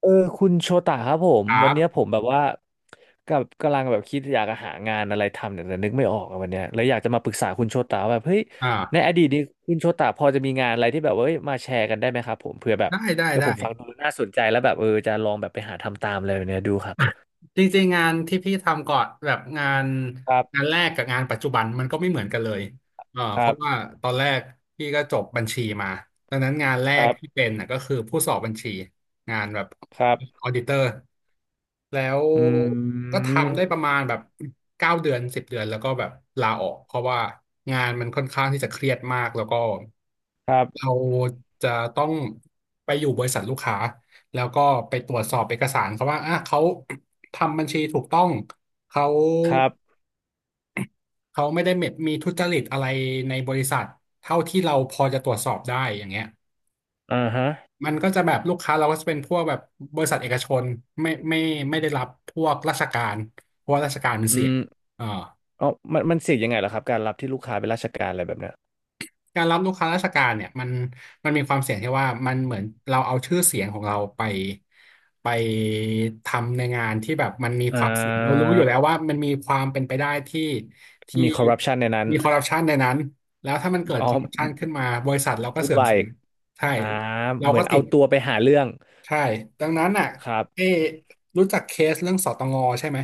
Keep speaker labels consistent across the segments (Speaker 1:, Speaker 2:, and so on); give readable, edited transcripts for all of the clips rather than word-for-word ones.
Speaker 1: เออคุณโชตะครับผม
Speaker 2: ครั
Speaker 1: วันเนี้ยผ
Speaker 2: บ
Speaker 1: มแบบว่ากับกำลังแบบคิดอยากจะหางานอะไรทำเนี่ยแต่นึกไม่ออกอะวันเนี้ยเลยอยากจะมาปรึกษาคุณโชตะว่าแบบเฮ้ยใน
Speaker 2: อ่า
Speaker 1: อดีตนี้คุณโชตะพอจะมีงานอะไรที่แบบว่าเอ้ยมาแชร์กันได้ไหมครับผมเผื่อแบบ
Speaker 2: ได้ได้
Speaker 1: เฮ้ยผ
Speaker 2: ได้
Speaker 1: มฟังดูแล้วน่าสนใจแล้วแบบจะลองแบบไปหาทำตามอะไรแบบเนี้ยดูครับ
Speaker 2: จริงๆงานที่พี่ทำก่อนแบบ
Speaker 1: ครั
Speaker 2: งาน
Speaker 1: บ
Speaker 2: แรกกับงานปัจจุบันมันก็ไม่เหมือนกันเลย
Speaker 1: ค
Speaker 2: เพ
Speaker 1: รั
Speaker 2: ราะว่า
Speaker 1: บ
Speaker 2: ตอนแรกพี่ก็จบบัญชีมาดังนั้นงานแร
Speaker 1: ค
Speaker 2: ก
Speaker 1: รับ
Speaker 2: ที่เป็นน่ะก็คือผู้สอบบัญชีงานแบบ
Speaker 1: ครับ
Speaker 2: ออดิเตอร์แล้ว
Speaker 1: อื
Speaker 2: ก็
Speaker 1: ม
Speaker 2: ทำได้ประมาณแบบเก้าเดือน10 เดือนแล้วก็แบบลาออกเพราะว่างานมันค่อนข้างที่จะเครียดมากแล้วก็
Speaker 1: ครับ
Speaker 2: เราจะต้องไปอยู่บริษัทลูกค้า แล้วก็ไปตรวจสอบเอกสารเขาว่าอ่ะเขาทำบัญชีถูกต้องเขา
Speaker 1: ครับ
Speaker 2: เขาไม่ได้มีทุจริตอะไรในบริษัทเท่าที่เราพอจะตรวจสอบได้อย่างเงี้ย
Speaker 1: อ่าฮะ
Speaker 2: มันก็จะแบบลูกค้าเราก็จะเป็นพวกแบบบริษัทเอกชนไม่ไม่ไม่ได้รับพวกราชการเพราะว่าราชการมัน
Speaker 1: อื
Speaker 2: เสี่ยง
Speaker 1: ม
Speaker 2: อ่า
Speaker 1: อ๋อมันเสี่ยงยังไงเหรอครับการรับที่ลูกค้าเป็นราชการอะไรแบบเนี้ย
Speaker 2: การรับลูกค้าราชการเนี่ยมันมีความเสี่ยงที่ว่ามันเหมือนเราเอาชื่อเสียงของเราไปไปทำในงานที่แบบมันมี
Speaker 1: อ่
Speaker 2: ความเสี่ยงเรารู้
Speaker 1: า
Speaker 2: อยู่แล้วว่ามันมีความเป็นไปได้ที่
Speaker 1: มีคอร์รัปชันในนั้น
Speaker 2: มีคอร์รัปชันในนั้นแล้วถ้ามันเกิด
Speaker 1: อ๋อ
Speaker 2: คอร์รัปชันขึ้นมาบริษัทเราก็
Speaker 1: วุ่น
Speaker 2: เสื่อม
Speaker 1: วาย
Speaker 2: เสีย
Speaker 1: อีก
Speaker 2: ใช่
Speaker 1: อ่า
Speaker 2: เรา
Speaker 1: เหมือ
Speaker 2: ก็
Speaker 1: น
Speaker 2: ติ
Speaker 1: เอา
Speaker 2: ด
Speaker 1: ตัวไปหาเรื่อง
Speaker 2: ใช่ดังนั้นอ่ะ
Speaker 1: ครับ
Speaker 2: เอะรู้จักเคสเรื่องสตงใช่ไหม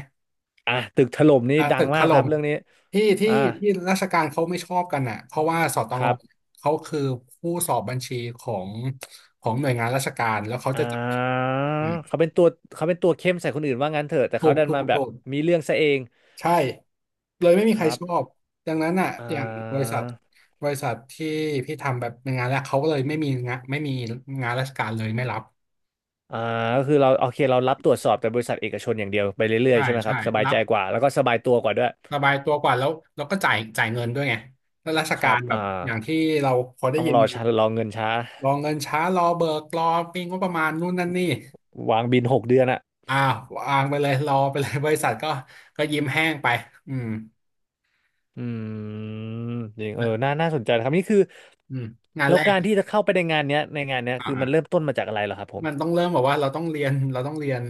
Speaker 1: อ่ะตึกถล่มนี่
Speaker 2: อ่า
Speaker 1: ดั
Speaker 2: ตึ
Speaker 1: ง
Speaker 2: กถ
Speaker 1: มากค
Speaker 2: ล่
Speaker 1: รับ
Speaker 2: ม
Speaker 1: เรื่องนี้
Speaker 2: ที่ที่
Speaker 1: อ่า
Speaker 2: ที่ราชการเขาไม่ชอบกันอ่ะเพราะว่าสต
Speaker 1: ค
Speaker 2: ง
Speaker 1: รับ
Speaker 2: เขาคือผู้สอบบัญชีของของหน่วยงานราชการแล้วเขา
Speaker 1: อ่
Speaker 2: จะจับผิด
Speaker 1: า
Speaker 2: อืม
Speaker 1: เขาเป็นตัวเขาเป็นตัวเข้มใส่คนอื่นว่างั้นเถอะแต่
Speaker 2: ถู
Speaker 1: เขา
Speaker 2: ก
Speaker 1: ดัน
Speaker 2: ถู
Speaker 1: มา
Speaker 2: ก
Speaker 1: แบบ
Speaker 2: ถูก
Speaker 1: มีเรื่องซะเอง
Speaker 2: ใช่เลยไม่มี
Speaker 1: ค
Speaker 2: ใคร
Speaker 1: รับ
Speaker 2: ชอบดังนั้นอ่ะ
Speaker 1: อ่
Speaker 2: อย่างบริ
Speaker 1: า
Speaker 2: ษัทที่พี่ทำแบบเป็นงานแรกเขาก็เลยไม่มีงานราชการเลยไม่รับ
Speaker 1: อ่าก็คือเราโอเคเรารับตรวจสอบแต่บริษัทเอกชนอย่างเดียวไปเรื่อย
Speaker 2: ใช่
Speaker 1: ๆใช่ไหมค
Speaker 2: ใช่
Speaker 1: รับสบาย
Speaker 2: รั
Speaker 1: ใจ
Speaker 2: บ
Speaker 1: กว่าแล้วก็สบายตัวกว่าด้วย
Speaker 2: สบายตัวกว่าแล้วแล้วก็จ่ายเงินด้วยไงแล้วราช
Speaker 1: ค
Speaker 2: กา
Speaker 1: รั
Speaker 2: ร
Speaker 1: บ
Speaker 2: แบบอย่างที่เราพอได้
Speaker 1: ต้อง
Speaker 2: ยิน
Speaker 1: รอ
Speaker 2: มา
Speaker 1: ช้ารอเงินช้า
Speaker 2: รอเงินช้ารอเบิกรอมีงบประมาณนู่นนั่นนี่
Speaker 1: วางบิน6 เดือนอะ
Speaker 2: อ้าววางไปเลยรอไปเลยบริษัทก็ยิ้มแห้งไปอืม
Speaker 1: อืมจริงน่า
Speaker 2: และ
Speaker 1: น่าสนใจนะครับนี่คือ
Speaker 2: อืมงาน
Speaker 1: แล้
Speaker 2: แร
Speaker 1: ว
Speaker 2: ก
Speaker 1: การที่จะเข้าไปในงานเนี้ยในงานเนี้ย
Speaker 2: อ่า
Speaker 1: คือมั
Speaker 2: อ่า
Speaker 1: นเริ่มต้นมาจากอะไรเหรอครับผม
Speaker 2: มันต้องเริ่มแบบว่าเราต้องเรียนเราต้องเรียน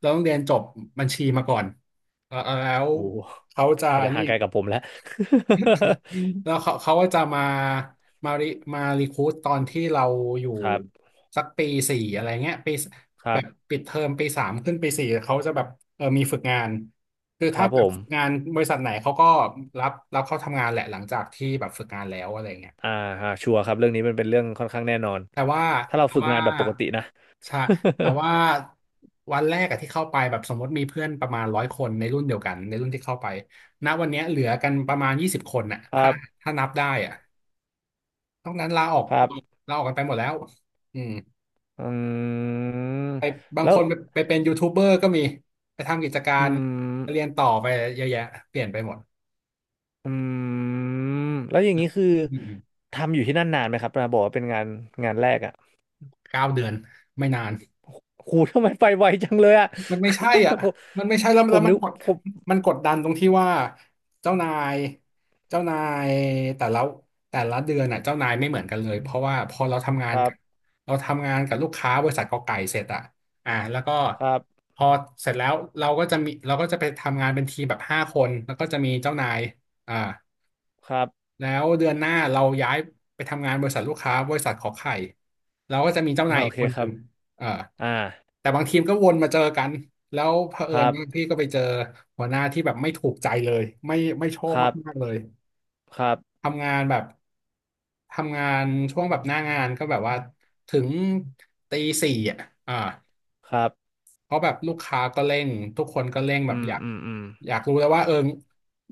Speaker 2: เราต้องเรียนจบบัญชีมาก่อนเออแล้ว
Speaker 1: โอ้โห
Speaker 2: เขาจะ
Speaker 1: อาจจะห่า
Speaker 2: นี่
Speaker 1: งไกลกับผมแล้ว
Speaker 2: แล้วเขาก็จะมาริมารีครูทตอนที่เราอยู่
Speaker 1: ครับ
Speaker 2: สักปีสี่อะไรเงี้ยปี
Speaker 1: ครั
Speaker 2: แบบ
Speaker 1: บ
Speaker 2: ปิดเทอมปี 3ขึ้นปีสี่เขาจะแบบเออมีฝึกงานคือ
Speaker 1: ค
Speaker 2: ถ้า
Speaker 1: รับ
Speaker 2: แบ
Speaker 1: ผ
Speaker 2: บ
Speaker 1: ม
Speaker 2: ฝึกงานบริษัทไหนเขาก็รับเข้าทำงานแหละหลังจากที่แบบฝึกงานแล้วอะไรเงี้ย
Speaker 1: อ่าฮะชัวร์ครับเรื่องนี้มันเป็นเรื่องค่อนข้างแน่นอน
Speaker 2: แต่ว่า
Speaker 1: ถ้าเรา
Speaker 2: แต่
Speaker 1: ฝึก
Speaker 2: ว่า
Speaker 1: งานแบบปกตินะ
Speaker 2: ใช่แต่ว่าวันแรกอะที่เข้าไปแบบสมมติมีเพื่อนประมาณ100 คนในรุ่นเดียวกันในรุ่นที่เข้าไปณวันเนี้ยเหลือกันประมาณ20 คนน่ะ
Speaker 1: ครับ
Speaker 2: ถ้านับได้อะ นอกนั้นลาออก
Speaker 1: ครับ
Speaker 2: กันไปหมดแล้วอืม
Speaker 1: อืม
Speaker 2: ไปบาง
Speaker 1: แล้
Speaker 2: ค
Speaker 1: ว
Speaker 2: นไปเป็นยูทูบเบอร์ก็มีไปทำกิจกา
Speaker 1: อื
Speaker 2: รเรีย
Speaker 1: ม
Speaker 2: นต่อไปเยอะแยะเปลี่ยนไปหมด
Speaker 1: อืมแล้วอย่างนี้คือ
Speaker 2: อืม
Speaker 1: ทำอยู่ที่นั่นนานไหมครับนะบอกว่าเป็นงานแรกอ่ะ
Speaker 2: เก้าเดือนไม่นาน
Speaker 1: โหทำไมไปไวจังเลยอ่ะ
Speaker 2: มันไม่ใช่อ่ะ
Speaker 1: ผม
Speaker 2: มันไม่ใช่แล้ว
Speaker 1: ผ
Speaker 2: แล้
Speaker 1: ม
Speaker 2: ว
Speaker 1: นึกผม
Speaker 2: มันกดดันตรงที่ว่าเจ้านายเจ้านายแต่ละแต่ละเดือนน่ะเจ้านายไม่เหมือนกันเลยเพราะว่าพอเราทำงา
Speaker 1: ค
Speaker 2: น
Speaker 1: รับ
Speaker 2: กับลูกค้าบริษัทกอไก่เสร็จอ่ะอ่าแล้วก็
Speaker 1: ครับ
Speaker 2: พอเสร็จแล้วเราก็จะไปทำงานเป็นทีมแบบ5 คนแล้วก็จะมีเจ้านายอ่า
Speaker 1: ครับ
Speaker 2: แล้วเดือนหน้าเราย้ายไปทำงานบริษัทลูกค้าบริษัทขอไข่เราก็จะมีเจ้านา
Speaker 1: อ่า
Speaker 2: ย
Speaker 1: โอ
Speaker 2: อีก
Speaker 1: เค
Speaker 2: คน
Speaker 1: ค
Speaker 2: ห
Speaker 1: รั
Speaker 2: นึ่
Speaker 1: บ
Speaker 2: งเออ
Speaker 1: อ่า
Speaker 2: แต่บางทีมก็วนมาเจอกันแล้วเผอิ
Speaker 1: ค
Speaker 2: ญ
Speaker 1: รับ
Speaker 2: บางที่ก็ไปเจอหัวหน้าที่แบบไม่ถูกใจเลยไม่ชอบ
Speaker 1: ครั
Speaker 2: มาก
Speaker 1: บ
Speaker 2: ๆเลย
Speaker 1: ครับ
Speaker 2: ทำงานแบบทำงานช่วงแบบหน้างานก็แบบว่าถึงตี 4อ่ะอ่า
Speaker 1: ครับ
Speaker 2: เพราะแบบลูกค้าก็เร่งทุกคนก็เร่งแบ
Speaker 1: อื
Speaker 2: บ
Speaker 1: มอืมอืม
Speaker 2: อยากรู้แล้วว่าเออ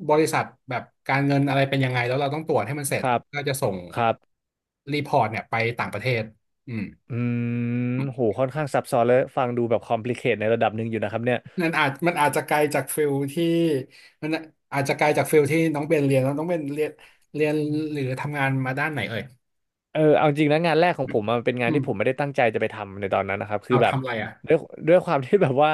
Speaker 2: บริษัทแบบการเงินอะไรเป็นยังไงแล้วเราต้องตรวจให้มันเสร็
Speaker 1: ค
Speaker 2: จ
Speaker 1: รับ
Speaker 2: ก็จะส่ง
Speaker 1: ครับ
Speaker 2: รีพอร์ตเนี่ยไปต่างประเทศอืม
Speaker 1: อืมโหค่อนข้างซับซ้อนเลยฟังดูแบบคอมพลีเคทในระดับหนึ่งอยู่นะครับเนี่ย
Speaker 2: นั่นอาจมันอาจจะไกลจากฟิลที่มันอาจจะไกลจากฟิลที่น้องเบนเรียนแล้วน้องเบนเรียนเรียนหรือทำงานมาด้านไหนเอ่ย
Speaker 1: เออเอาจริงนะงานแรกของ
Speaker 2: อื
Speaker 1: ผ
Speaker 2: ม
Speaker 1: มอะมันเป็นงา
Speaker 2: อื
Speaker 1: นที่
Speaker 2: ม
Speaker 1: ผมไม่ได้ตั้งใจจะไปทำในตอนนั้นนะครับคือ
Speaker 2: เอา
Speaker 1: แบบ
Speaker 2: ทำอะไรอ่ะ
Speaker 1: ด้วยด้วยความที่แบบว่า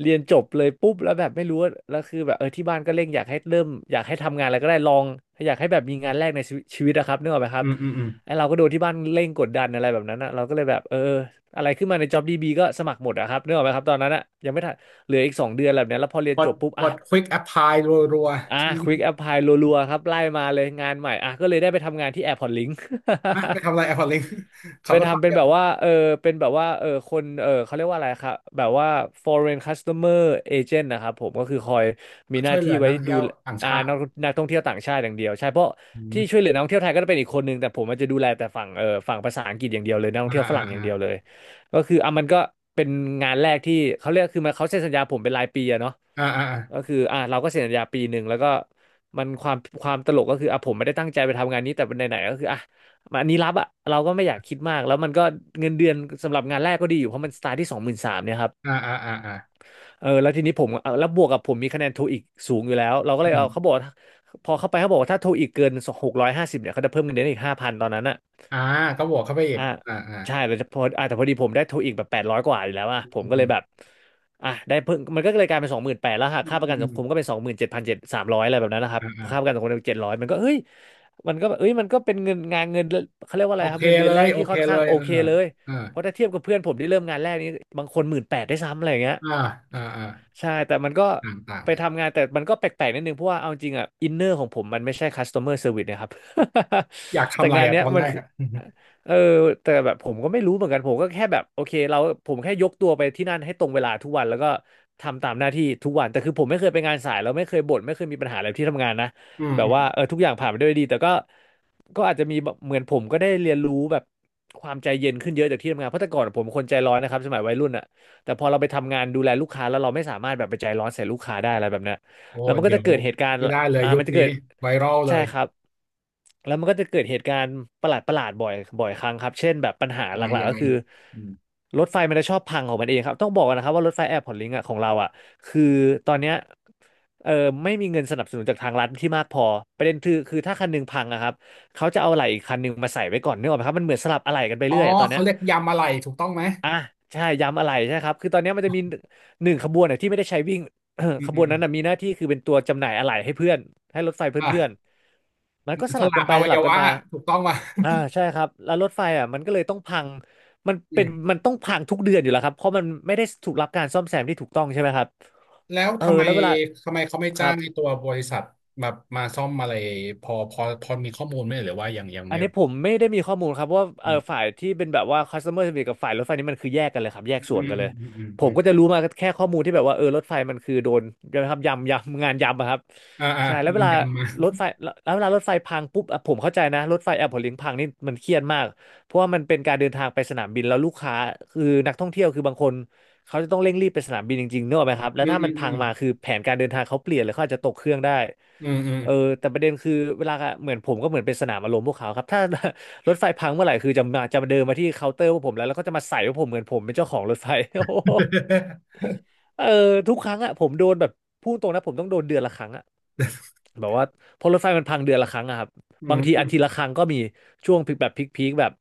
Speaker 1: เรียนจบเลยปุ๊บแล้วแบบไม่รู้ว่าแล้วคือแบบที่บ้านก็เร่งอยากให้เริ่มอยากให้ทำงานอะไรก็ได้ลองอยากให้แบบมีงานแรกในชีวิตนะครับนึกออกไหมค
Speaker 2: อื
Speaker 1: รับ
Speaker 2: มอืมอืม
Speaker 1: ไอเราก็โดนที่บ้านเร่งกดดันอะไรแบบนั้นอะเราก็เลยแบบอะไรขึ้นมาใน JobDB ก็สมัครหมดอะครับนึกออกไหมครับตอนนั้นอะยังไม่ทันเหลืออีก2 เดือนแบบเนี้ยแล้วพอเรียน
Speaker 2: ก
Speaker 1: จ
Speaker 2: ด
Speaker 1: บปุ๊บ
Speaker 2: ก
Speaker 1: อะ
Speaker 2: ด quick apply รัว
Speaker 1: อ่ะ
Speaker 2: ๆ
Speaker 1: Quick Apply รัวๆครับไล่มาเลยงานใหม่อ่ะก็เลยได้ไปทำงานที่ Airport Link
Speaker 2: อ่ะไปทำอะไร Apple Link ขั
Speaker 1: ไป
Speaker 2: บรถไฟ
Speaker 1: ทำเป็
Speaker 2: เดี
Speaker 1: น
Speaker 2: ย
Speaker 1: แบบ
Speaker 2: ว
Speaker 1: ว่าเป็นแบบว่าเออคนเขาเรียกว่าอะไรครับแบบว่า foreign customer agent นะครับผมก็คือคอยมีห
Speaker 2: ช่
Speaker 1: น้า
Speaker 2: วยเหลื
Speaker 1: ที่
Speaker 2: อนั
Speaker 1: ไว้
Speaker 2: กท่อง
Speaker 1: ดู
Speaker 2: เที่ยวต่าง
Speaker 1: อ่า
Speaker 2: ชาติ
Speaker 1: นักท่องเที่ยวต่างชาติอย่างเดียวใช่เพราะ
Speaker 2: อื
Speaker 1: ที่
Speaker 2: ม
Speaker 1: ช่วยเหลือนักท่องเที่ยวไทยก็จะเป็นอีกคนนึงแต่ผมมันจะดูแลแต่ฝั่งฝั่งภาษาอังกฤษอย่างเดียวเลยนักท่อ
Speaker 2: อ่า
Speaker 1: งเที่ยวฝ
Speaker 2: อ
Speaker 1: รั่งอย่างเดียวเล
Speaker 2: ่า
Speaker 1: ยก็คืออ่ะมันก็เป็นงานแรกที่เขาเรียกคือมันเขาเซ็นสัญญาผมเป็นรายปีอะเนาะ
Speaker 2: อ่าอ่า
Speaker 1: ก็คืออ่ะเราก็เซ็นสัญญา1 ปีแล้วก็มันความตลกก็คืออ่ะผมไม่ได้ตั้งใจไปทำงานนี้แต่ไหนๆก็คืออ่ะ มันอันนี้รับอะเราก็ไม่อยากคิดมากแล้วมันก็เงินเดือนสำหรับงานแรกก็ดีอยู่เพราะมันสตาร์ทที่23,000เนี่ยครับ
Speaker 2: อ่าอ่าอ่าอ่าอ่า
Speaker 1: แล้วทีนี้ผมเอาแล้วบวกกับผมมีคะแนนโทอีกสูงอยู่แล้วเราก็เล
Speaker 2: อื
Speaker 1: ยเขาบ
Speaker 2: ม
Speaker 1: อกว่าพอเข้าไปเขาบอกว่าถ้าโทอีกเกิน650เนี่ยเขาจะเพิ่มเงินเดือนอีก5,000ตอนนั้นอะ
Speaker 2: อ่าก็บวกเข้าไปอีก
Speaker 1: อ่า
Speaker 2: อ่าอ่า
Speaker 1: ใช่แล้วพออ่ะแต่พอดีผมได้โทอีกแบบ800กว่าอยู่แล้วอ่ะ
Speaker 2: อืม
Speaker 1: ผมก็เล
Speaker 2: อื
Speaker 1: ย
Speaker 2: ม
Speaker 1: แบบอ่ะได้เพิ่งมันก็เลยกลายเป็น28,000แล้วหัก
Speaker 2: อืม
Speaker 1: ค่าประกัน
Speaker 2: อื
Speaker 1: สัง
Speaker 2: ม
Speaker 1: คมก็เป็นสองหมื่นเจ็ดพันเจ็ดสามร้อยอะไรแบบนั้นนะครับ
Speaker 2: อ่าอ่า
Speaker 1: ค่าประกันสังคม700มันก็เฮ้ยมันก็แบบเอ้ยมันก็เป็นเงินเขาเรียกว่าอะ
Speaker 2: โอ
Speaker 1: ไรครั
Speaker 2: เค
Speaker 1: บเงินเดื
Speaker 2: เล
Speaker 1: อนแร
Speaker 2: ย
Speaker 1: ก
Speaker 2: โอ
Speaker 1: ที่
Speaker 2: เค
Speaker 1: ค่อน
Speaker 2: เล
Speaker 1: ข้าง
Speaker 2: ย
Speaker 1: โอ
Speaker 2: เออ
Speaker 1: เคเลย
Speaker 2: อ่า
Speaker 1: เพราะถ้าเทียบกับเพื่อนผมที่เริ่มงานแรกนี่บางคนหมื่นแปดได้วยซ้ำอะไรอย่างเงี้ย
Speaker 2: อ่าอ่าอ่า
Speaker 1: ใช่แต่มันก็
Speaker 2: ต่างต่าง
Speaker 1: ไป
Speaker 2: เลย
Speaker 1: ทำงานแต่มันก็แปลกๆนิดนึงเพราะว่าเอาจริงอ่ะอินเนอร์ของผมมันไม่ใช่ customer service นะครับ
Speaker 2: อยาก
Speaker 1: แต่
Speaker 2: ทำอะไร
Speaker 1: งาน
Speaker 2: อ่ะ
Speaker 1: เนี้
Speaker 2: ต
Speaker 1: ย
Speaker 2: อน
Speaker 1: มั
Speaker 2: แร
Speaker 1: น
Speaker 2: ก
Speaker 1: คือ
Speaker 2: อ่ะอ
Speaker 1: เออแต่แบบผมก็ไม่รู้เหมือนกันผมก็แค่แบบโอเคเราผมแค่ยกตัวไปที่นั่นให้ตรงเวลาทุกวันแล้วก็ทำตามหน้าที่ทุกวันแต่คือผมไม่เคยไปงานสายแล้วไม่เคยบ่นไม่เคยมีปัญหาอะไรที่ทำงานนะ
Speaker 2: ืม
Speaker 1: แบบ
Speaker 2: อืม
Speaker 1: ว่าเออทุกอย่างผ่านไปด้วยดีแต่ก็อาจจะมีแบบเหมือนผมก็ได้เรียนรู้แบบความใจเย็นขึ้นเยอะจากที่ทำงานเพราะแต่ก่อนผมเป็นคนใจร้อนนะครับสมัยวัยรุ่นอ่ะ แต่พอเราไปทำงานดูแลลูกค้าแล้วเราไม่สามารถแบบไปใจร้อนใส่ลูกค้าได้อะไรแบบเนี้ย
Speaker 2: โอ้
Speaker 1: แล้วมันก็
Speaker 2: เดี๋ย
Speaker 1: จะ
Speaker 2: ว
Speaker 1: เกิดเหตุการณ์
Speaker 2: ไม่ได้เลย
Speaker 1: อ่า
Speaker 2: ยุค
Speaker 1: มันจะ
Speaker 2: นี้
Speaker 1: เกิด
Speaker 2: ไวรัลเล
Speaker 1: ใช่
Speaker 2: ย
Speaker 1: ครับแล้วมันก็จะเกิดเหตุการณ์ประหลาดประหลาดบ่อยครั้งครับเช่นแบบปัญหา
Speaker 2: ยัง
Speaker 1: ห
Speaker 2: ไง
Speaker 1: ลัก
Speaker 2: ยั
Speaker 1: ๆ
Speaker 2: ง
Speaker 1: ก็
Speaker 2: ไง
Speaker 1: คือ
Speaker 2: อืม
Speaker 1: รถไฟมันจะชอบพังของมันเองครับต้องบอกก่อนนะครับว่ารถไฟแอร์พอร์ตลิงก์อะของเราอ่ะคือตอนเนี้ยเออไม่มีเงินสนับสนุนจากทางรัฐที่มากพอประเด็นคือถ้าคันหนึงพังอะครับเขาจะเอาอะไหล่อีกคันหนึงมาใส่ไว้ก่อนนึกออกไหมครับมันเหมือนสลับอะไหล่กันไป
Speaker 2: อ๋อ
Speaker 1: เรื่อยอะตอนเนี้
Speaker 2: เขา
Speaker 1: ย
Speaker 2: เรียกยำอะไรถูกต้องไหม
Speaker 1: อ่ะใช่ย้ำอะไรใช่ครับคือตอนนี้มันจะมีหนึ่งขบวนน่ะที่ไม่ได้ใช้วิ่ง
Speaker 2: อื ม
Speaker 1: ข
Speaker 2: อื
Speaker 1: บ
Speaker 2: ม
Speaker 1: วน
Speaker 2: อืม
Speaker 1: นั้นนะมีหน้าที่คือเป็นตัวจำหน่ายอะไหล่ให้เพื่อนให้รถไฟเพื่อน
Speaker 2: อ่า
Speaker 1: ๆมันก็ส
Speaker 2: ส
Speaker 1: ลับ
Speaker 2: ละ
Speaker 1: กันไป
Speaker 2: อวั
Speaker 1: ส
Speaker 2: ย
Speaker 1: ลับกัน
Speaker 2: วะ
Speaker 1: มา
Speaker 2: ถูกต้องป่ะ
Speaker 1: อ่า ใช่ครับแล้วรถไฟอ่ะมันก็เลยต้องพังมัน
Speaker 2: อื
Speaker 1: เป็น
Speaker 2: ม
Speaker 1: มันต้องพังทุกเดือนอยู่แล้วครับเพราะมันไม่ได้ถูกรับการซ่อมแซมที่ถูกต้องใช่ไหมครับ
Speaker 2: แล้ว
Speaker 1: เออแล้วเวลา
Speaker 2: ทำไมเขาไม่
Speaker 1: ครั
Speaker 2: จ้าง
Speaker 1: บ
Speaker 2: ในตัวบริษัทแบบมาซ่อมอะไรพอมีข้อมูลไหมหรือว่ายัง
Speaker 1: อั
Speaker 2: ไม่
Speaker 1: นนี้
Speaker 2: รู้
Speaker 1: ผมไม่ได้มีข้อมูลครับว่าเอ
Speaker 2: อื
Speaker 1: อ
Speaker 2: ม
Speaker 1: ฝ่ายที่เป็นแบบว่า customer service กับฝ่ายรถไฟนี่มันคือแยกกันเลยครับแยก
Speaker 2: อื
Speaker 1: ส่วน
Speaker 2: ม
Speaker 1: กันเล
Speaker 2: อื
Speaker 1: ย
Speaker 2: มอืมอืม
Speaker 1: ผ
Speaker 2: อื
Speaker 1: ม
Speaker 2: ม
Speaker 1: ก็จะรู้มาแค่ข้อมูลที่แบบว่าเออรถไฟมันคือโดนนะครับยำยำงานยำอะครับ
Speaker 2: อ่าอ่า
Speaker 1: ใช่แล้
Speaker 2: โด
Speaker 1: วเว
Speaker 2: น
Speaker 1: ลา
Speaker 2: ยันมา
Speaker 1: รถไฟแล้วเวลารถไฟพังปุ๊บอ่ะผมเข้าใจนะรถไฟแอร์พอร์ตลิงพังนี่มันเครียดมากเพราะว่ามันเป็นการเดินทางไปสนามบินแล้วลูกค้าคือนักท่องเที่ยวคือบางคนเขาจะต้องเร่งรีบไปสนามบินจริงๆเนกอะไหมครับแล้
Speaker 2: อื
Speaker 1: ว
Speaker 2: ม
Speaker 1: ถ้า
Speaker 2: อื
Speaker 1: มัน
Speaker 2: มอื
Speaker 1: พัง
Speaker 2: ม
Speaker 1: มาคือแผนการเดินทางเขาเปลี่ยนเลยเขาอาจจะตกเครื่องได้
Speaker 2: อืมอืม
Speaker 1: เออแต่ประเด็นคือเวลาเหมือนผมก็เหมือนเป็นสนามอารมณ์พวกเขาครับถ้า รถไฟพังเมื่อไหร่คือจะมาเดินมาที่เคาน์เตอร์พวกผมแล้วก็จะมาใส่ว่าผมเหมือนผมเป็นเจ้าของรถไฟ โอ้โหเออทุกครั้งอะผมโดนแบบพูดตรงนะผมต้องโดนเดือนละครั้งอะแบบว่าเพอรถไฟมันพังเดือนละครั้งอะครับ
Speaker 2: อื
Speaker 1: บางทีอาทิ
Speaker 2: ม
Speaker 1: ตย์ละครั้งก็มีช่วงพีคแบบพีคๆแบบ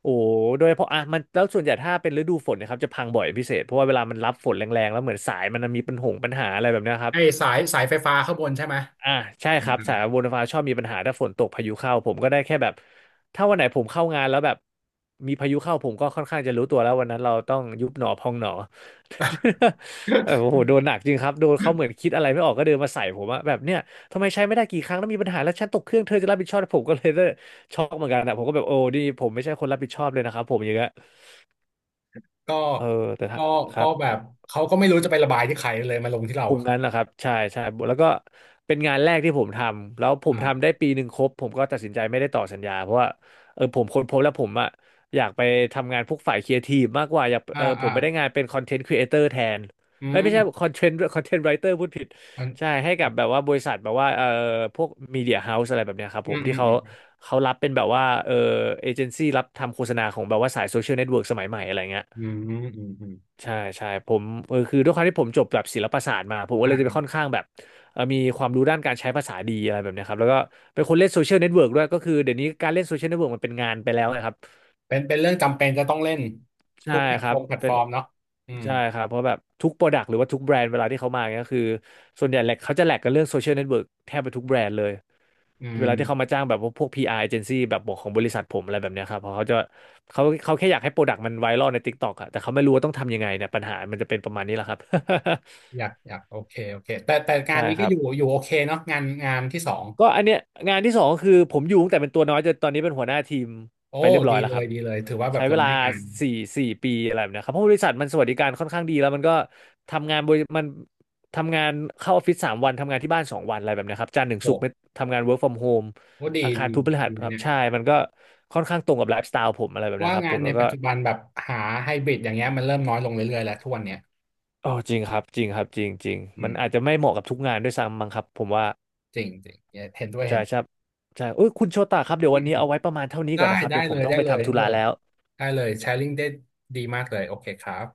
Speaker 1: โอ้โหโดยเฉพาะอ่ะมันแล้วส่วนใหญ่ถ้าเป็นฤดูฝนเนะครับจะพังบ่อยเป็นพิเศษเพราะว่าเวลามันรับฝนแรงๆแล้วเหมือนสายมันมีปัญหาอะไรแบบเนี้ยครับ
Speaker 2: ไอสายสายไฟฟ้าข้างบนใช่ไหม
Speaker 1: อ่าใช่
Speaker 2: อื
Speaker 1: ครับ
Speaker 2: ม
Speaker 1: สายบนฟ้าชอบมีปัญหาถ้าฝนตกพายุเข้าผมก็ได้แค่แบบถ้าวันไหนผมเข้างานแล้วแบบมีพายุเข้าผมก็ค่อนข้างจะรู้ตัวแล้ววันนั้นเราต้องยุบหนอพองหนอ
Speaker 2: อ่า
Speaker 1: เออโอ้โหโดนหนักจริงครับโดนเขาเหมือนคิดอะไรไม่ออกก็เดินมาใส่ผมอะแบบเนี่ยทำไมใช้ไม่ได้กี่ครั้งแล้วมีปัญหาแล้วฉันตกเครื่องเธอจะรับผิดชอบผมก็เลยช็อกเหมือนกันอะผมก็แบบโอ้นี่ผมไม่ใช่คนรับผิดชอบเลยนะครับผมอย่างเงี้ย
Speaker 2: ก็
Speaker 1: เออแต่ถ้า
Speaker 2: ก็
Speaker 1: ค
Speaker 2: ก็
Speaker 1: รับ
Speaker 2: แบบเขาก็ไม่รู้จะไประบายที่ใครเลยมาลงที่เรา
Speaker 1: คงงั้นแหละครับใช่ใช่แล้วก็เป็นงานแรกที่ผมทำแล้วผมทำ
Speaker 2: อ่า
Speaker 1: ได้ปีหนึ่งครบผมก็ตัดสินใจไม่ได้ต่อสัญญาเพราะว่าเออผมค้นพบแล้วผมอะอยากไปทำงานพวกฝ่ายครีเอทีฟมากกว่าอยาก
Speaker 2: อ่า
Speaker 1: เออผ
Speaker 2: อ่า
Speaker 1: มไม่ได้งานเป็นคอนเทนต์ครีเอเตอร์แทน
Speaker 2: อื
Speaker 1: เอ้ยไม่ใช่
Speaker 2: ม
Speaker 1: คอนเทนต์คอนเทนต์ไรเตอร์ พูดผิด
Speaker 2: อ
Speaker 1: ใช่
Speaker 2: น
Speaker 1: ให้กับแบบว่าบริษัทแบบว่าพวกมีเดียเฮาส์อะไรแบบเนี้ยครับ
Speaker 2: อื
Speaker 1: ผม
Speaker 2: มอื
Speaker 1: ที่
Speaker 2: ม
Speaker 1: เขา
Speaker 2: อืม
Speaker 1: เขารับเป็นแบบว่าเอเจนซี่รับทำโฆษณาของแบบว่าสายโซเชียลเน็ตเวิร์กสมัยใหม่อะไรเงี้ย
Speaker 2: อืมอืมอืม
Speaker 1: ใช่ใช่ผมคือด้วยความที่ผมจบแบบศิลปศาสตร์มาผมก็เลยจะไปค่อนข้างแบบมีความรู้ด้านการใช้ภาษาดีอะไรแบบเนี้ยครับแล้วก็เป็นคนเล่นโซเชียลเน็ตเวิร์กด้วยก็คือเดี๋ยวนี้การเล่นโซเชียลเน็ตเวิร์กมันเป็นงานไปแล้วนะครับ
Speaker 2: เป็นเป็นเรื่องจำเป็นจะต้องเล่น
Speaker 1: ใช่
Speaker 2: ทุกแพลต
Speaker 1: ค
Speaker 2: ฟ
Speaker 1: รั
Speaker 2: อ
Speaker 1: บ
Speaker 2: ร์มแพลต
Speaker 1: เป็
Speaker 2: ฟอ
Speaker 1: น
Speaker 2: ร์มเนาะอืม
Speaker 1: ใช่ครับเพราะแบบทุกโปรดักต์หรือว่าทุกแบรนด์เวลาที่เขามาเนี่ยก็คือส่วนใหญ่แหละเขาจะแหลกกันเรื่องโซเชียลเน็ตเวิร์กแทบไปทุกแบรนด์เลย
Speaker 2: อื
Speaker 1: เว
Speaker 2: ม
Speaker 1: ลาที่เขามาจ้างแบบพวก PR agency แบบบอกของบริษัทผมอะไรแบบเนี้ยครับเพราะเขาจะเขาแค่อยากให้โปรดักต์มันไวรัลใน TikTok อะแต่เขาไม่รู้ว่าต้องทำยังไงเนี่ยปัญหามันจะเป็นประมาณนี้แหละครับ
Speaker 2: อยากอยากโอเคโอเคแต่แต่งา
Speaker 1: ใช่
Speaker 2: นนี้
Speaker 1: ค
Speaker 2: ก็
Speaker 1: รั
Speaker 2: อ
Speaker 1: บ
Speaker 2: ยู่อยู่โอเคเนาะงานงานที่สอง
Speaker 1: ก็อันเนี้ยงานที่สองก็คือผมอยู่ตั้งแต่เป็นตัวน้อยจนตอนนี้เป็นหัวหน้าทีม
Speaker 2: โอ้
Speaker 1: ไปเรียบร้อ
Speaker 2: ดี
Speaker 1: ยแล้ว
Speaker 2: เล
Speaker 1: ค
Speaker 2: ย
Speaker 1: รับ
Speaker 2: ดีเลยถือว่าแบ
Speaker 1: ใช้
Speaker 2: บ
Speaker 1: เว
Speaker 2: เรา
Speaker 1: ลา
Speaker 2: ได้งาน
Speaker 1: สี่สี่ปีอะไรแบบเนี้ยครับเพราะบริษัทมันสวัสดิการค่อนข้างดีแล้วมันก็ทำงานบริมันทำงานเข้าออฟฟิศ3 วันทำงานที่บ้าน2 วันอะไรแบบเนี้ยครับจันทร์ถึง
Speaker 2: โอ้
Speaker 1: ศุกร์ไม่ทำงาน work from home
Speaker 2: ็ดี
Speaker 1: อังคาร
Speaker 2: ดี
Speaker 1: พุธพฤหั
Speaker 2: ดี
Speaker 1: ส
Speaker 2: นะ
Speaker 1: ครับ
Speaker 2: เนี่ย
Speaker 1: ใช่มันก็ค่อนข้างตรงกับไลฟ์สไตล์ผมอะไรแบบเนี้
Speaker 2: ว่า
Speaker 1: ยครับ
Speaker 2: งา
Speaker 1: ผ
Speaker 2: น
Speaker 1: ม
Speaker 2: ใน
Speaker 1: แล้วก็
Speaker 2: ปัจจุบันแบบหาไฮบริดอย่างเงี้ยมันเริ่มน้อยลงเรื่อยๆแล้วทุกวันเนี้ย
Speaker 1: อ๋อจริงครับจริงครับจริงจริง
Speaker 2: อื
Speaker 1: มัน
Speaker 2: ม
Speaker 1: อาจจะไม่เหมาะกับทุกงานด้วยซ้ำมั้งครับผมว่า
Speaker 2: จริงจริงเห็นด้วย
Speaker 1: ใช่
Speaker 2: เห็น
Speaker 1: ครับใช่อุ้ยคุณโชตะครับเดี๋ย
Speaker 2: อื
Speaker 1: ววั
Speaker 2: ม
Speaker 1: น
Speaker 2: อื
Speaker 1: นี้
Speaker 2: ม
Speaker 1: เอาไว้ประมาณเท่านี้
Speaker 2: ได้
Speaker 1: ก่อนนะครับ
Speaker 2: ได้
Speaker 1: เดี๋ยวผ
Speaker 2: เล
Speaker 1: ม
Speaker 2: ย
Speaker 1: ต้อง
Speaker 2: ได้
Speaker 1: ไป
Speaker 2: เลย
Speaker 1: ทำธุ
Speaker 2: เออ
Speaker 1: ระแล้ว
Speaker 2: ได้เลยแชร์ลิงได้ดีมากเลยโอเคครับ